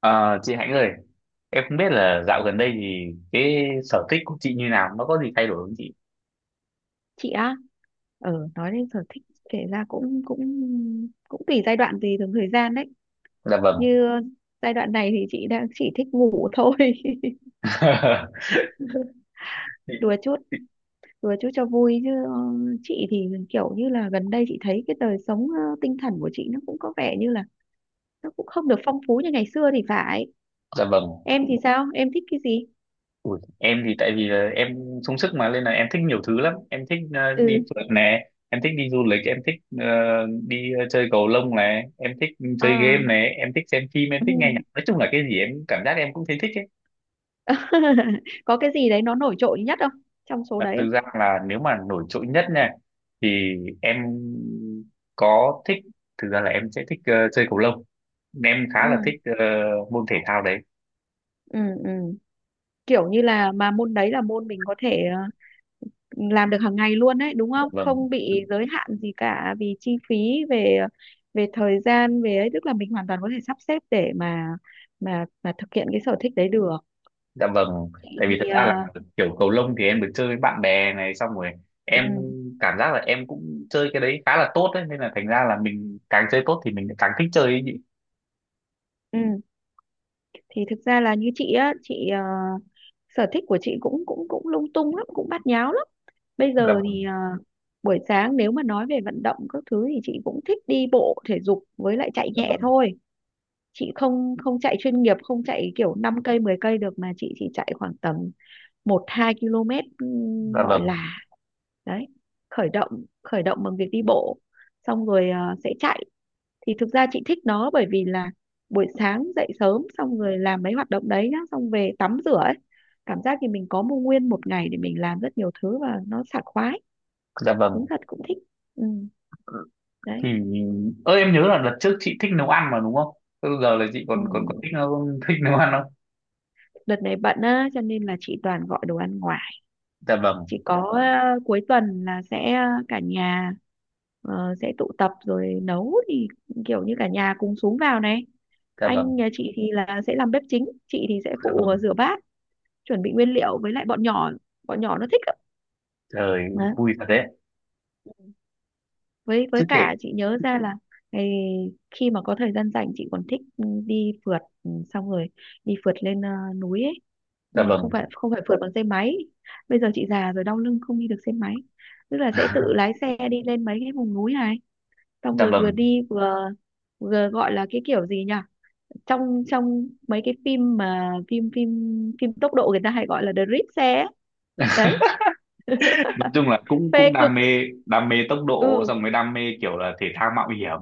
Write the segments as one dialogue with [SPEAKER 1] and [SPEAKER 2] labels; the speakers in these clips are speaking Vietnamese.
[SPEAKER 1] Ờ, chị Hạnh ơi, em không biết là dạo gần đây thì cái sở thích của chị như nào, nó có gì thay đổi không chị?
[SPEAKER 2] Chị á? Ờ, nói đến sở thích kể ra cũng cũng cũng tùy giai đoạn, tùy từng thời gian đấy.
[SPEAKER 1] Dạ vâng.
[SPEAKER 2] Như giai đoạn này thì chị đang chỉ thích ngủ thôi. Đùa chút, đùa chút cho vui chứ chị thì kiểu như là gần đây chị thấy cái đời sống tinh thần của chị nó cũng có vẻ như là nó cũng không được phong phú như ngày xưa thì phải.
[SPEAKER 1] Dạ vâng.
[SPEAKER 2] Em thì sao, em thích cái gì?
[SPEAKER 1] Ui, em thì tại vì là em sung sức mà nên là em thích nhiều thứ lắm. Em thích đi
[SPEAKER 2] Ừ.
[SPEAKER 1] phượt nè, em thích đi du lịch, em thích ờ, đi chơi cầu lông này, em thích chơi game
[SPEAKER 2] À.
[SPEAKER 1] này, em thích xem phim, em
[SPEAKER 2] Ừ.
[SPEAKER 1] thích nghe nhạc. Nói chung là cái gì em cảm giác em cũng thấy thích.
[SPEAKER 2] Có cái gì đấy nó nổi trội nhất không, trong số
[SPEAKER 1] À,
[SPEAKER 2] đấy
[SPEAKER 1] thực
[SPEAKER 2] không?
[SPEAKER 1] ra là nếu mà nổi trội nhất nha thì em có thích, thực ra là em sẽ thích chơi cầu lông, em khá là thích
[SPEAKER 2] ừ
[SPEAKER 1] môn thể thao đấy.
[SPEAKER 2] ừ ừ kiểu như là mà môn đấy là môn mình có thể làm được hàng ngày luôn đấy đúng
[SPEAKER 1] Dạ
[SPEAKER 2] không,
[SPEAKER 1] vâng.
[SPEAKER 2] không bị giới hạn gì cả vì chi phí về về thời gian, về ấy, tức là mình hoàn toàn có thể sắp xếp để mà thực hiện cái sở thích đấy được.
[SPEAKER 1] Dạ vâng.
[SPEAKER 2] Chị
[SPEAKER 1] Tại vì
[SPEAKER 2] thì
[SPEAKER 1] thực ra là kiểu cầu lông thì em được chơi với bạn bè này, xong rồi
[SPEAKER 2] ừ,
[SPEAKER 1] em cảm giác là em cũng chơi cái đấy khá là tốt đấy, nên là thành ra là mình càng chơi tốt thì mình càng thích chơi ấy nhỉ.
[SPEAKER 2] ừ, thì thực ra là như chị á, chị sở thích của chị cũng cũng cũng lung tung lắm, cũng bát nháo lắm. Bây
[SPEAKER 1] Dạ
[SPEAKER 2] giờ thì
[SPEAKER 1] vâng.
[SPEAKER 2] buổi sáng nếu mà nói về vận động các thứ thì chị cũng thích đi bộ thể dục với lại chạy
[SPEAKER 1] Dạ
[SPEAKER 2] nhẹ
[SPEAKER 1] vâng.
[SPEAKER 2] thôi. Chị không không chạy chuyên nghiệp, không chạy kiểu 5 cây 10 cây được, mà chị chỉ chạy khoảng tầm một 2 km.
[SPEAKER 1] Dạ
[SPEAKER 2] Gọi
[SPEAKER 1] vâng.
[SPEAKER 2] là đấy, khởi động bằng việc đi bộ, xong rồi sẽ chạy. Thì thực ra chị thích nó bởi vì là buổi sáng dậy sớm xong rồi làm mấy hoạt động đấy nhá, xong về tắm rửa ấy, cảm giác thì mình có một nguyên một ngày để mình làm rất nhiều thứ, và nó sảng khoái,
[SPEAKER 1] Dạ
[SPEAKER 2] đúng
[SPEAKER 1] vâng.
[SPEAKER 2] thật, cũng thích. Ừ,
[SPEAKER 1] Thì
[SPEAKER 2] đấy.
[SPEAKER 1] em nhớ là đợt trước chị thích nấu ăn mà đúng không? Thế giờ là chị
[SPEAKER 2] Ừ.
[SPEAKER 1] còn còn còn thích nấu ăn không?
[SPEAKER 2] Đợt này bận á cho nên là chị toàn gọi đồ ăn ngoài,
[SPEAKER 1] Dạ vâng.
[SPEAKER 2] chỉ có cuối tuần là sẽ cả nhà sẽ tụ tập rồi nấu. Thì kiểu như cả nhà cùng xuống vào này,
[SPEAKER 1] Dạ
[SPEAKER 2] anh
[SPEAKER 1] vâng.
[SPEAKER 2] nhà chị thì là sẽ làm bếp chính, chị thì sẽ
[SPEAKER 1] Dạ
[SPEAKER 2] phụ
[SPEAKER 1] vâng.
[SPEAKER 2] rửa bát, chuẩn bị nguyên liệu, với lại bọn nhỏ nó thích ạ.
[SPEAKER 1] Trời, vui thật đấy.
[SPEAKER 2] Với
[SPEAKER 1] Chứ kể.
[SPEAKER 2] cả chị nhớ ra là ngày khi mà có thời gian rảnh chị còn thích, ừ, đi phượt, ừ, xong rồi đi phượt lên núi ấy.
[SPEAKER 1] Dạ
[SPEAKER 2] Nhưng mà không
[SPEAKER 1] vâng.
[SPEAKER 2] phải không phải phượt bằng xe máy, bây giờ chị già rồi, đau lưng không đi được xe máy, tức là sẽ tự lái xe đi lên mấy cái vùng núi này, xong
[SPEAKER 1] Dạ
[SPEAKER 2] rồi vừa
[SPEAKER 1] vâng.
[SPEAKER 2] đi vừa vừa gọi là cái kiểu gì nhỉ, trong trong mấy cái phim mà phim phim phim tốc độ người ta hay gọi là drift xe ấy. Đấy,
[SPEAKER 1] Nói chung là cũng
[SPEAKER 2] phê
[SPEAKER 1] cũng
[SPEAKER 2] cực.
[SPEAKER 1] đam mê, đam mê tốc độ
[SPEAKER 2] Ừ,
[SPEAKER 1] xong mới đam mê kiểu là thể thao mạo hiểm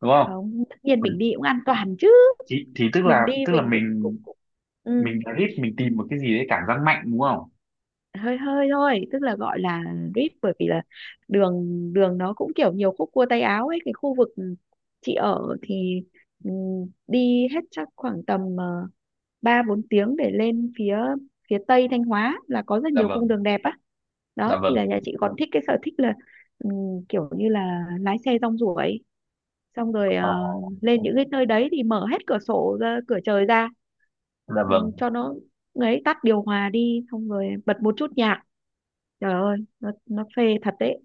[SPEAKER 1] đúng không?
[SPEAKER 2] không, tất nhiên mình đi cũng an toàn chứ,
[SPEAKER 1] Thì tức
[SPEAKER 2] mình
[SPEAKER 1] là
[SPEAKER 2] đi
[SPEAKER 1] tức là
[SPEAKER 2] mình cũng
[SPEAKER 1] mình
[SPEAKER 2] cũng, cũng ừ,
[SPEAKER 1] mình thích, mình tìm một cái gì đấy cảm giác mạnh đúng không?
[SPEAKER 2] hơi hơi thôi, tức là gọi là drip, bởi vì là đường, đường nó cũng kiểu nhiều khúc cua tay áo ấy. Cái khu vực chị ở thì, ừ, đi hết chắc khoảng tầm 3-4 tiếng để lên phía phía tây Thanh Hóa là có rất
[SPEAKER 1] Dạ
[SPEAKER 2] nhiều cung
[SPEAKER 1] vâng.
[SPEAKER 2] đường đẹp á.
[SPEAKER 1] Dạ
[SPEAKER 2] Đó thì
[SPEAKER 1] vâng.
[SPEAKER 2] là nhà chị còn thích cái sở thích là, ừ, kiểu như là lái xe rong ruổi xong rồi
[SPEAKER 1] Ờ.
[SPEAKER 2] lên những cái nơi đấy thì mở hết cửa sổ ra, cửa trời ra,
[SPEAKER 1] Dạ
[SPEAKER 2] ừ,
[SPEAKER 1] vâng.
[SPEAKER 2] cho nó ấy, tắt điều hòa đi xong rồi bật một chút nhạc, trời ơi, nó phê thật đấy,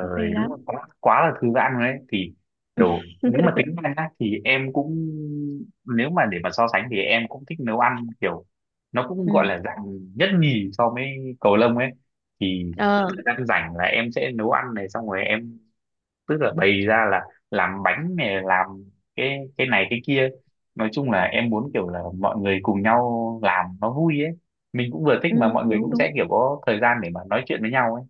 [SPEAKER 2] nó phê
[SPEAKER 1] đúng
[SPEAKER 2] lắm.
[SPEAKER 1] là quá quá là thư giãn rồi đấy. Thì kiểu nếu mà tính ra nhá, thì em cũng, nếu mà để mà so sánh thì em cũng thích nấu ăn, kiểu nó cũng gọi
[SPEAKER 2] Ừ.
[SPEAKER 1] là dạng nhất nhì so với cầu lông ấy, thì cứ
[SPEAKER 2] Ờ.
[SPEAKER 1] thời gian rảnh là em sẽ nấu ăn này, xong rồi em tức là bày ra là làm bánh này, làm cái này cái kia. Nói chung là em muốn kiểu là mọi người cùng nhau làm nó vui ấy, mình cũng vừa thích
[SPEAKER 2] Ừ,
[SPEAKER 1] mà mọi người
[SPEAKER 2] đúng
[SPEAKER 1] cũng
[SPEAKER 2] đúng,
[SPEAKER 1] sẽ kiểu có thời gian để mà nói chuyện với nhau ấy.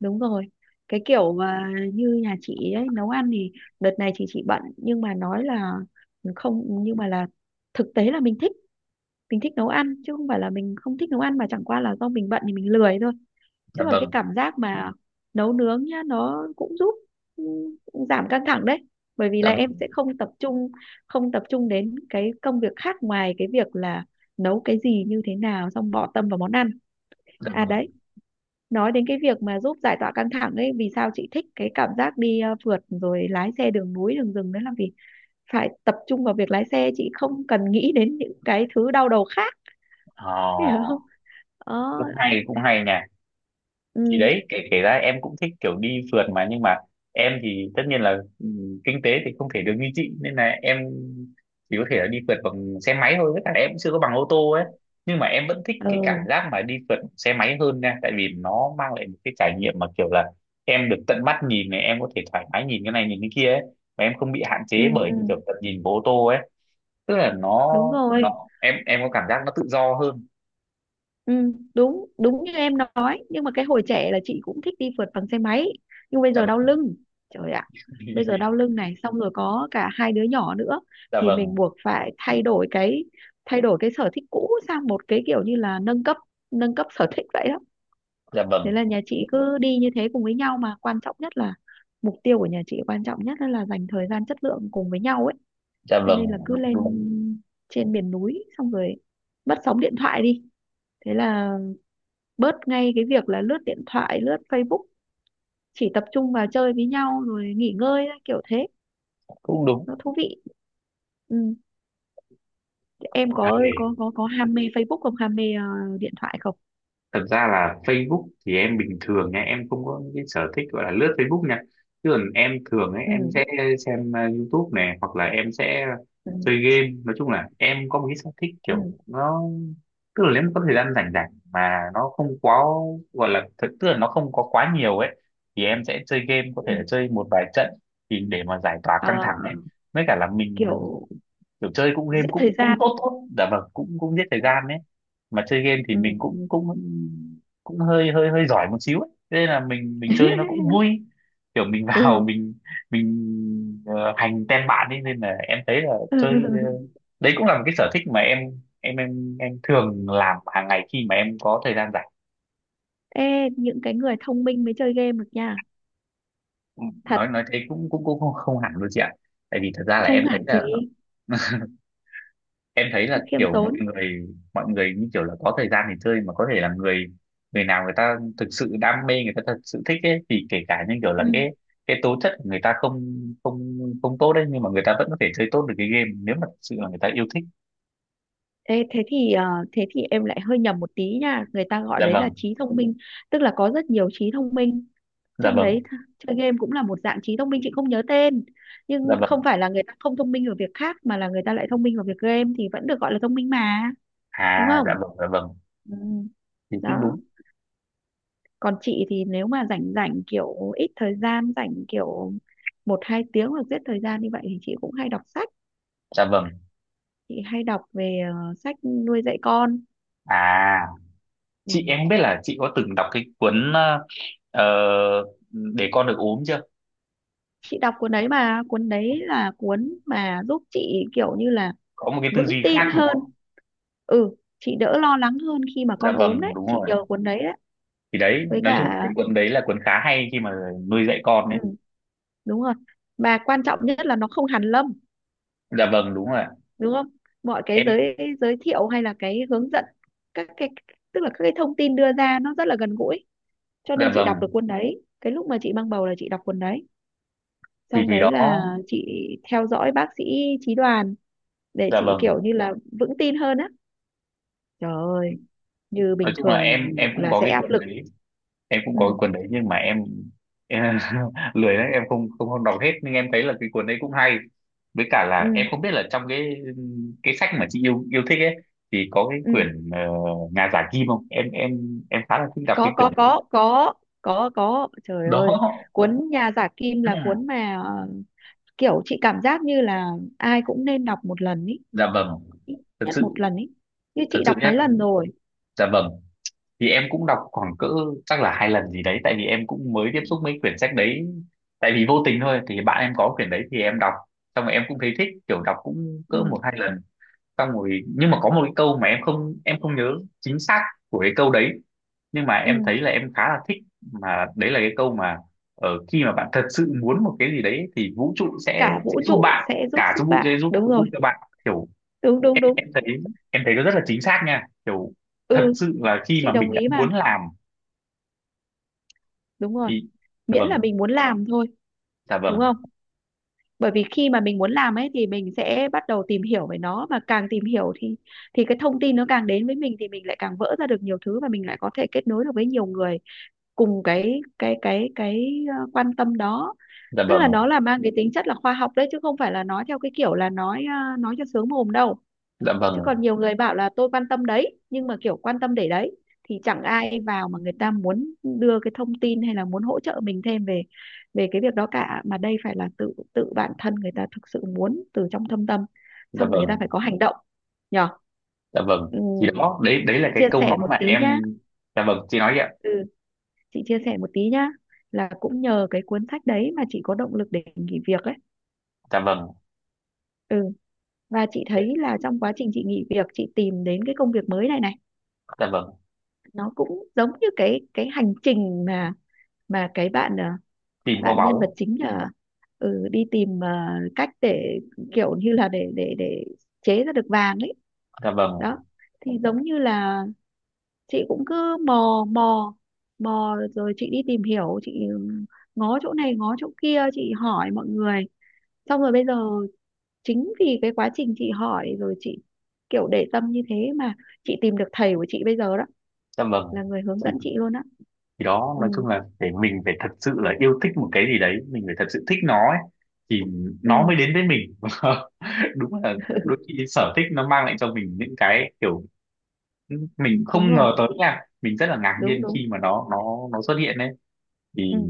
[SPEAKER 2] đúng rồi. Cái kiểu mà như nhà chị ấy nấu ăn thì đợt này chị bận, nhưng mà nói là không, nhưng mà là thực tế là mình thích, mình thích nấu ăn, chứ không phải là mình không thích nấu ăn, mà chẳng qua là do mình bận thì mình lười thôi. Chứ
[SPEAKER 1] Dạ
[SPEAKER 2] còn cái
[SPEAKER 1] vâng.
[SPEAKER 2] cảm giác mà nấu nướng nhá, nó cũng giúp, ừ, giảm căng thẳng đấy, bởi vì
[SPEAKER 1] Dạ
[SPEAKER 2] là em
[SPEAKER 1] vâng.
[SPEAKER 2] sẽ không tập trung, không tập trung đến cái công việc khác, ngoài cái việc là nấu cái gì như thế nào, xong bỏ tâm vào món ăn.
[SPEAKER 1] Dạ
[SPEAKER 2] À,
[SPEAKER 1] vâng.
[SPEAKER 2] đấy, nói đến cái việc mà giúp giải tỏa căng thẳng ấy, vì sao chị thích cái cảm giác đi phượt rồi lái xe đường núi đường rừng đấy, là vì phải tập trung vào việc lái xe, chị không cần nghĩ đến những cái thứ đau đầu khác. Hiểu
[SPEAKER 1] Ờ,
[SPEAKER 2] không? Ờ.
[SPEAKER 1] cũng hay cũng hay nha.
[SPEAKER 2] Ừ,
[SPEAKER 1] Thì đấy, kể kể ra em cũng thích kiểu đi phượt mà, nhưng mà em thì tất nhiên là, ừ, kinh tế thì không thể được như chị nên là em chỉ có thể là đi phượt bằng xe máy thôi, với cả em cũng chưa có bằng ô tô ấy. Nhưng mà em vẫn thích cái cảm
[SPEAKER 2] ừ,
[SPEAKER 1] giác mà đi phượt xe máy hơn nha, tại vì nó mang lại một cái trải nghiệm mà kiểu là em được tận mắt nhìn này, em có thể thoải mái nhìn cái này nhìn cái kia ấy, và em không bị hạn
[SPEAKER 2] ừ,
[SPEAKER 1] chế bởi
[SPEAKER 2] ừ,
[SPEAKER 1] những kiểu tận nhìn của ô tô ấy. Tức là nó
[SPEAKER 2] đúng rồi.
[SPEAKER 1] nó em có cảm giác nó tự do hơn.
[SPEAKER 2] Ừ, đúng đúng như em nói, nhưng mà cái hồi trẻ là chị cũng thích đi phượt bằng xe máy, nhưng bây
[SPEAKER 1] Dạ
[SPEAKER 2] giờ đau
[SPEAKER 1] vâng.
[SPEAKER 2] lưng, trời ạ, bây giờ đau lưng này, xong rồi có cả hai đứa nhỏ nữa,
[SPEAKER 1] Dạ
[SPEAKER 2] thì mình
[SPEAKER 1] vâng.
[SPEAKER 2] buộc phải thay đổi cái, thay đổi cái sở thích cũ sang một cái kiểu như là nâng cấp, nâng cấp sở thích vậy đó.
[SPEAKER 1] Dạ
[SPEAKER 2] Thế
[SPEAKER 1] vâng.
[SPEAKER 2] là nhà chị cứ đi như thế cùng với nhau, mà quan trọng nhất là mục tiêu của nhà chị quan trọng nhất là dành thời gian chất lượng cùng với nhau ấy.
[SPEAKER 1] Dạ
[SPEAKER 2] Cho nên
[SPEAKER 1] vâng.
[SPEAKER 2] là cứ
[SPEAKER 1] Đúng
[SPEAKER 2] lên
[SPEAKER 1] đúng.
[SPEAKER 2] trên miền núi xong rồi mất sóng điện thoại đi, thế là bớt ngay cái việc là lướt điện thoại, lướt Facebook, chỉ tập trung vào chơi với nhau rồi nghỉ ngơi thôi, kiểu thế,
[SPEAKER 1] Cũng đúng.
[SPEAKER 2] nó thú vị. Ừ. Em có
[SPEAKER 1] Ê,
[SPEAKER 2] ham mê Facebook không, ham mê điện thoại không?
[SPEAKER 1] thật ra là Facebook thì em bình thường nha, em không có cái sở thích gọi là lướt Facebook nha, chứ còn em thường ấy
[SPEAKER 2] Ừ.
[SPEAKER 1] em sẽ xem YouTube này, hoặc là em sẽ
[SPEAKER 2] Ừ.
[SPEAKER 1] chơi game. Nói chung là em có một cái sở thích kiểu
[SPEAKER 2] Ừ.
[SPEAKER 1] nó, tức là nếu mà có thời gian rảnh rảnh mà nó không quá gọi là thật, tức là nó không có quá nhiều ấy, thì em sẽ chơi game, có thể là
[SPEAKER 2] Ừ.
[SPEAKER 1] chơi một vài trận thì để mà giải tỏa
[SPEAKER 2] Ờ,
[SPEAKER 1] căng thẳng ấy. Với cả là mình
[SPEAKER 2] kiểu
[SPEAKER 1] kiểu chơi cũng game
[SPEAKER 2] giết thời
[SPEAKER 1] cũng cũng
[SPEAKER 2] gian.
[SPEAKER 1] tốt tốt, dạ vâng, cũng cũng giết thời
[SPEAKER 2] Ừ.
[SPEAKER 1] gian đấy. Mà chơi game thì
[SPEAKER 2] Ừ.
[SPEAKER 1] mình cũng cũng cũng hơi hơi hơi giỏi một xíu ấy. Thế nên là mình chơi nó cũng vui, kiểu mình vào
[SPEAKER 2] Ừ.
[SPEAKER 1] mình hành tem bạn ấy. Nên là em thấy là chơi
[SPEAKER 2] Ừ.
[SPEAKER 1] đấy cũng là một cái sở thích mà em thường làm hàng ngày khi mà em có thời gian rảnh.
[SPEAKER 2] Ê, những cái người thông minh mới chơi game được nha. Thật.
[SPEAKER 1] Nói thế cũng cũng cũng không, không hẳn luôn chị ạ. Tại vì thật ra là
[SPEAKER 2] Không
[SPEAKER 1] em thấy
[SPEAKER 2] nản gì.
[SPEAKER 1] là em thấy là
[SPEAKER 2] Cứ khiêm
[SPEAKER 1] kiểu mọi
[SPEAKER 2] tốn.
[SPEAKER 1] người mọi người như kiểu là có thời gian để chơi, mà có thể là người người nào người ta thực sự đam mê, người ta thật sự thích ấy, thì kể cả như kiểu là
[SPEAKER 2] Ừ.
[SPEAKER 1] cái tố chất của người ta không, không tốt đấy, nhưng mà người ta vẫn có thể chơi tốt được cái game nếu mà thật sự là người ta yêu thích.
[SPEAKER 2] Ê, thế thì thế thì em lại hơi nhầm một tí nha, người ta gọi
[SPEAKER 1] Dạ
[SPEAKER 2] đấy là
[SPEAKER 1] vâng.
[SPEAKER 2] trí thông minh, tức là có rất nhiều trí thông minh,
[SPEAKER 1] Dạ
[SPEAKER 2] trong
[SPEAKER 1] vâng.
[SPEAKER 2] đấy chơi game cũng là một dạng trí thông minh, chị không nhớ tên,
[SPEAKER 1] Dạ
[SPEAKER 2] nhưng không
[SPEAKER 1] vâng.
[SPEAKER 2] phải là người ta không thông minh ở việc khác, mà là người ta lại thông minh ở việc game, thì vẫn được gọi là thông minh mà, đúng
[SPEAKER 1] À, dạ
[SPEAKER 2] không?
[SPEAKER 1] vâng. Dạ vâng.
[SPEAKER 2] Ừ,
[SPEAKER 1] Thì cũng
[SPEAKER 2] đó.
[SPEAKER 1] đúng.
[SPEAKER 2] Còn chị thì nếu mà rảnh rảnh, kiểu ít thời gian rảnh, kiểu 1-2 tiếng hoặc giết thời gian như vậy, thì chị cũng hay đọc sách.
[SPEAKER 1] Dạ vâng.
[SPEAKER 2] Chị hay đọc về sách nuôi dạy con.
[SPEAKER 1] À,
[SPEAKER 2] Ừ.
[SPEAKER 1] chị em biết là chị có từng đọc cái cuốn ờ, để con được ốm chưa?
[SPEAKER 2] Chị đọc cuốn đấy mà, cuốn đấy là cuốn mà giúp chị kiểu như là
[SPEAKER 1] Có một cái tư
[SPEAKER 2] vững
[SPEAKER 1] duy khác
[SPEAKER 2] tin
[SPEAKER 1] đúng không?
[SPEAKER 2] hơn, ừ, chị đỡ lo lắng hơn khi mà
[SPEAKER 1] Dạ
[SPEAKER 2] con ốm
[SPEAKER 1] vâng,
[SPEAKER 2] đấy,
[SPEAKER 1] đúng
[SPEAKER 2] chị
[SPEAKER 1] rồi.
[SPEAKER 2] nhờ cuốn đấy đấy.
[SPEAKER 1] Thì đấy,
[SPEAKER 2] Với
[SPEAKER 1] nói chung là
[SPEAKER 2] cả,
[SPEAKER 1] cái cuốn đấy là cuốn khá hay khi mà nuôi dạy con đấy.
[SPEAKER 2] ừ, đúng rồi, mà quan trọng nhất là nó không hàn lâm,
[SPEAKER 1] Dạ vâng, đúng rồi ạ.
[SPEAKER 2] đúng không, mọi cái
[SPEAKER 1] Em.
[SPEAKER 2] giới, giới thiệu hay là cái hướng dẫn, các cái, tức là các cái thông tin đưa ra nó rất là gần gũi. Cho
[SPEAKER 1] Dạ
[SPEAKER 2] nên chị đọc được
[SPEAKER 1] vâng.
[SPEAKER 2] cuốn đấy cái lúc mà chị mang bầu, là chị đọc cuốn đấy
[SPEAKER 1] thì
[SPEAKER 2] xong,
[SPEAKER 1] thì
[SPEAKER 2] đấy là
[SPEAKER 1] đó.
[SPEAKER 2] chị theo dõi bác sĩ Chí Đoàn, để
[SPEAKER 1] Dạ
[SPEAKER 2] chị
[SPEAKER 1] vâng.
[SPEAKER 2] kiểu như là vững tin hơn á. Trời ơi, như
[SPEAKER 1] Nói
[SPEAKER 2] bình
[SPEAKER 1] chung là
[SPEAKER 2] thường
[SPEAKER 1] em cũng
[SPEAKER 2] là
[SPEAKER 1] có
[SPEAKER 2] sẽ
[SPEAKER 1] cái
[SPEAKER 2] áp
[SPEAKER 1] cuốn
[SPEAKER 2] lực.
[SPEAKER 1] đấy. Em cũng
[SPEAKER 2] Ừ,
[SPEAKER 1] có cái cuốn đấy nhưng mà em, em lười đấy, em không không không đọc hết. Nhưng em thấy là cái cuốn đấy cũng hay, với cả
[SPEAKER 2] ừ,
[SPEAKER 1] là em không biết là trong cái sách mà chị yêu yêu thích ấy thì có cái
[SPEAKER 2] ừ.
[SPEAKER 1] quyển Nhà giả kim không? Em khá là thích đọc
[SPEAKER 2] Có,
[SPEAKER 1] cái quyển
[SPEAKER 2] có,
[SPEAKER 1] đấy.
[SPEAKER 2] có, có, có, có. Trời ơi,
[SPEAKER 1] Đó.
[SPEAKER 2] cuốn Nhà giả kim là cuốn mà kiểu chị cảm giác như là ai cũng nên đọc một lần ý.
[SPEAKER 1] Dạ vâng.
[SPEAKER 2] Ít
[SPEAKER 1] Thật
[SPEAKER 2] nhất một
[SPEAKER 1] sự.
[SPEAKER 2] lần ý. Như
[SPEAKER 1] Thật
[SPEAKER 2] chị
[SPEAKER 1] sự
[SPEAKER 2] đọc
[SPEAKER 1] nhé.
[SPEAKER 2] mấy lần rồi.
[SPEAKER 1] Dạ vâng. Thì em cũng đọc khoảng cỡ, chắc là 2 lần gì đấy, tại vì em cũng mới tiếp
[SPEAKER 2] Ừ,
[SPEAKER 1] xúc mấy quyển sách đấy. Tại vì vô tình thôi, thì bạn em có quyển đấy thì em đọc, xong rồi em cũng thấy thích kiểu đọc cũng cỡ
[SPEAKER 2] ừ.
[SPEAKER 1] 1-2 lần. Xong rồi nhưng mà có một cái câu mà em không nhớ chính xác của cái câu đấy, nhưng mà em
[SPEAKER 2] Ừ.
[SPEAKER 1] thấy là em khá là thích, mà đấy là cái câu mà ở khi mà bạn thật sự muốn một cái gì đấy thì vũ trụ sẽ
[SPEAKER 2] Cả
[SPEAKER 1] sẽ
[SPEAKER 2] vũ
[SPEAKER 1] giúp
[SPEAKER 2] trụ
[SPEAKER 1] bạn,
[SPEAKER 2] sẽ giúp
[SPEAKER 1] cả
[SPEAKER 2] sức
[SPEAKER 1] vũ trụ sẽ
[SPEAKER 2] bạn.
[SPEAKER 1] giúp
[SPEAKER 2] Đúng
[SPEAKER 1] giúp
[SPEAKER 2] rồi,
[SPEAKER 1] cho bạn. Kiểu
[SPEAKER 2] đúng, đúng,
[SPEAKER 1] em
[SPEAKER 2] đúng.
[SPEAKER 1] em thấy em thấy nó rất là chính xác nha, kiểu thật
[SPEAKER 2] Ừ,
[SPEAKER 1] sự là khi
[SPEAKER 2] chị
[SPEAKER 1] mà
[SPEAKER 2] đồng
[SPEAKER 1] mình đã
[SPEAKER 2] ý mà.
[SPEAKER 1] muốn làm.
[SPEAKER 2] Đúng rồi.
[SPEAKER 1] Ý. Dạ
[SPEAKER 2] Miễn là
[SPEAKER 1] vâng.
[SPEAKER 2] mình muốn làm thôi,
[SPEAKER 1] Dạ
[SPEAKER 2] đúng
[SPEAKER 1] vâng.
[SPEAKER 2] không? Bởi vì khi mà mình muốn làm ấy, thì mình sẽ bắt đầu tìm hiểu về nó, mà càng tìm hiểu thì cái thông tin nó càng đến với mình, thì mình lại càng vỡ ra được nhiều thứ, và mình lại có thể kết nối được với nhiều người cùng cái quan tâm đó.
[SPEAKER 1] Dạ
[SPEAKER 2] Tức là
[SPEAKER 1] vâng.
[SPEAKER 2] nó là mang cái tính chất là khoa học đấy, chứ không phải là nói theo cái kiểu là nói, nói cho sướng mồm đâu.
[SPEAKER 1] Dạ vâng.
[SPEAKER 2] Chứ còn nhiều người bảo là tôi quan tâm đấy, nhưng mà kiểu quan tâm để đấy, thì chẳng ai vào mà người ta muốn đưa cái thông tin hay là muốn hỗ trợ mình thêm về về cái việc đó cả, mà đây phải là tự, tự bản thân người ta thực sự muốn từ trong thâm tâm,
[SPEAKER 1] Dạ
[SPEAKER 2] xong rồi người ta
[SPEAKER 1] vâng.
[SPEAKER 2] phải có hành động, nhở.
[SPEAKER 1] Dạ vâng.
[SPEAKER 2] Ừ,
[SPEAKER 1] Thì đó, đấy đấy là
[SPEAKER 2] chị
[SPEAKER 1] cái
[SPEAKER 2] chia
[SPEAKER 1] câu
[SPEAKER 2] sẻ
[SPEAKER 1] nói
[SPEAKER 2] một
[SPEAKER 1] mà
[SPEAKER 2] tí
[SPEAKER 1] em.
[SPEAKER 2] nhá,
[SPEAKER 1] Dạ vâng, chị nói đi ạ.
[SPEAKER 2] ừ, chị chia sẻ một tí nhá, là cũng nhờ cái cuốn sách đấy mà chị có động lực để nghỉ việc ấy.
[SPEAKER 1] Dạ vâng.
[SPEAKER 2] Ừ. Và chị thấy là trong quá trình chị nghỉ việc, chị tìm đến cái công việc mới này này,
[SPEAKER 1] Dạ vâng.
[SPEAKER 2] nó cũng giống như cái hành trình mà cái bạn,
[SPEAKER 1] Tìm kho
[SPEAKER 2] bạn nhân vật
[SPEAKER 1] báu.
[SPEAKER 2] chính là, ừ, đi tìm, cách để kiểu như là để chế ra được vàng ấy.
[SPEAKER 1] Dạ vâng.
[SPEAKER 2] Đó, thì giống như là chị cũng cứ mò, mò rồi chị đi tìm hiểu, chị, ừ, ngó chỗ này ngó chỗ kia, chị hỏi mọi người, xong rồi bây giờ chính vì cái quá trình chị hỏi rồi chị kiểu để tâm như thế mà chị tìm được thầy của chị bây giờ đó,
[SPEAKER 1] Dạ vâng.
[SPEAKER 2] là người hướng
[SPEAKER 1] thì,
[SPEAKER 2] dẫn chị luôn á.
[SPEAKER 1] thì đó,
[SPEAKER 2] Ừ.
[SPEAKER 1] nói chung là để mình phải thật sự là yêu thích một cái gì đấy, mình phải thật sự thích nó ấy, thì
[SPEAKER 2] Ừ.
[SPEAKER 1] nó mới đến với mình. Đúng là đôi khi sở thích nó mang lại cho mình những cái kiểu mình
[SPEAKER 2] Đúng
[SPEAKER 1] không
[SPEAKER 2] rồi,
[SPEAKER 1] ngờ tới nha, mình rất là ngạc
[SPEAKER 2] đúng
[SPEAKER 1] nhiên khi
[SPEAKER 2] đúng.
[SPEAKER 1] mà nó xuất hiện đấy.
[SPEAKER 2] Ừ.
[SPEAKER 1] Thì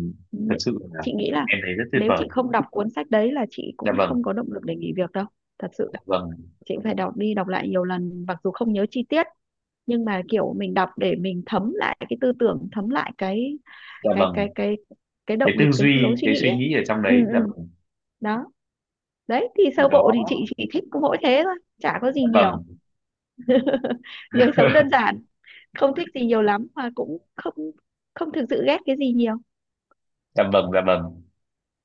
[SPEAKER 1] thật
[SPEAKER 2] Nế-
[SPEAKER 1] sự là
[SPEAKER 2] chị nghĩ là
[SPEAKER 1] em thấy rất tuyệt
[SPEAKER 2] nếu chị
[SPEAKER 1] vời.
[SPEAKER 2] không đọc cuốn sách đấy là chị
[SPEAKER 1] Dạ
[SPEAKER 2] cũng
[SPEAKER 1] vâng.
[SPEAKER 2] không có động lực để nghỉ việc đâu, thật
[SPEAKER 1] Dạ
[SPEAKER 2] sự.
[SPEAKER 1] vâng.
[SPEAKER 2] Chị cũng phải đọc đi đọc lại nhiều lần, mặc dù không nhớ chi tiết, nhưng mà kiểu mình đọc để mình thấm lại cái tư tưởng, thấm lại cái
[SPEAKER 1] Dạ
[SPEAKER 2] cái cái
[SPEAKER 1] vâng.
[SPEAKER 2] cái cái
[SPEAKER 1] Cái
[SPEAKER 2] động lực,
[SPEAKER 1] tư
[SPEAKER 2] cái
[SPEAKER 1] duy
[SPEAKER 2] lối suy
[SPEAKER 1] cái
[SPEAKER 2] nghĩ
[SPEAKER 1] suy
[SPEAKER 2] ấy.
[SPEAKER 1] nghĩ ở trong
[SPEAKER 2] Ừ.
[SPEAKER 1] đấy.
[SPEAKER 2] Ừ.
[SPEAKER 1] Dạ vâng.
[SPEAKER 2] Đó, đấy thì
[SPEAKER 1] Thì
[SPEAKER 2] sơ
[SPEAKER 1] đó.
[SPEAKER 2] bộ thì chị chỉ thích có mỗi thế thôi, chả có gì
[SPEAKER 1] Dạ vâng.
[SPEAKER 2] nhiều, người sống đơn giản, không thích gì nhiều lắm, mà cũng không, không thực sự ghét cái gì nhiều.
[SPEAKER 1] Dạ vâng. Dạ vâng.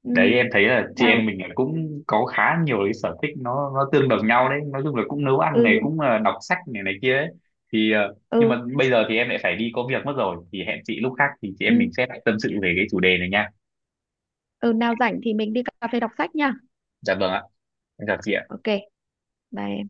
[SPEAKER 2] Ừ.
[SPEAKER 1] Đấy,
[SPEAKER 2] Ừ.
[SPEAKER 1] em thấy là chị em
[SPEAKER 2] Nào.
[SPEAKER 1] mình là cũng có khá nhiều cái sở thích nó tương đồng nhau đấy, nói chung là cũng nấu ăn này,
[SPEAKER 2] Ừ.
[SPEAKER 1] cũng là đọc sách này này kia ấy. Thì nhưng mà
[SPEAKER 2] Ừ.
[SPEAKER 1] bây giờ thì em lại phải đi có việc mất rồi, thì hẹn chị lúc khác thì chị em
[SPEAKER 2] Ừ
[SPEAKER 1] mình sẽ lại tâm sự về cái chủ đề này nha.
[SPEAKER 2] ừ nào rảnh thì mình đi cà phê đọc sách nha.
[SPEAKER 1] Dạ vâng ạ. Em chào chị ạ.
[SPEAKER 2] Ok. Bye.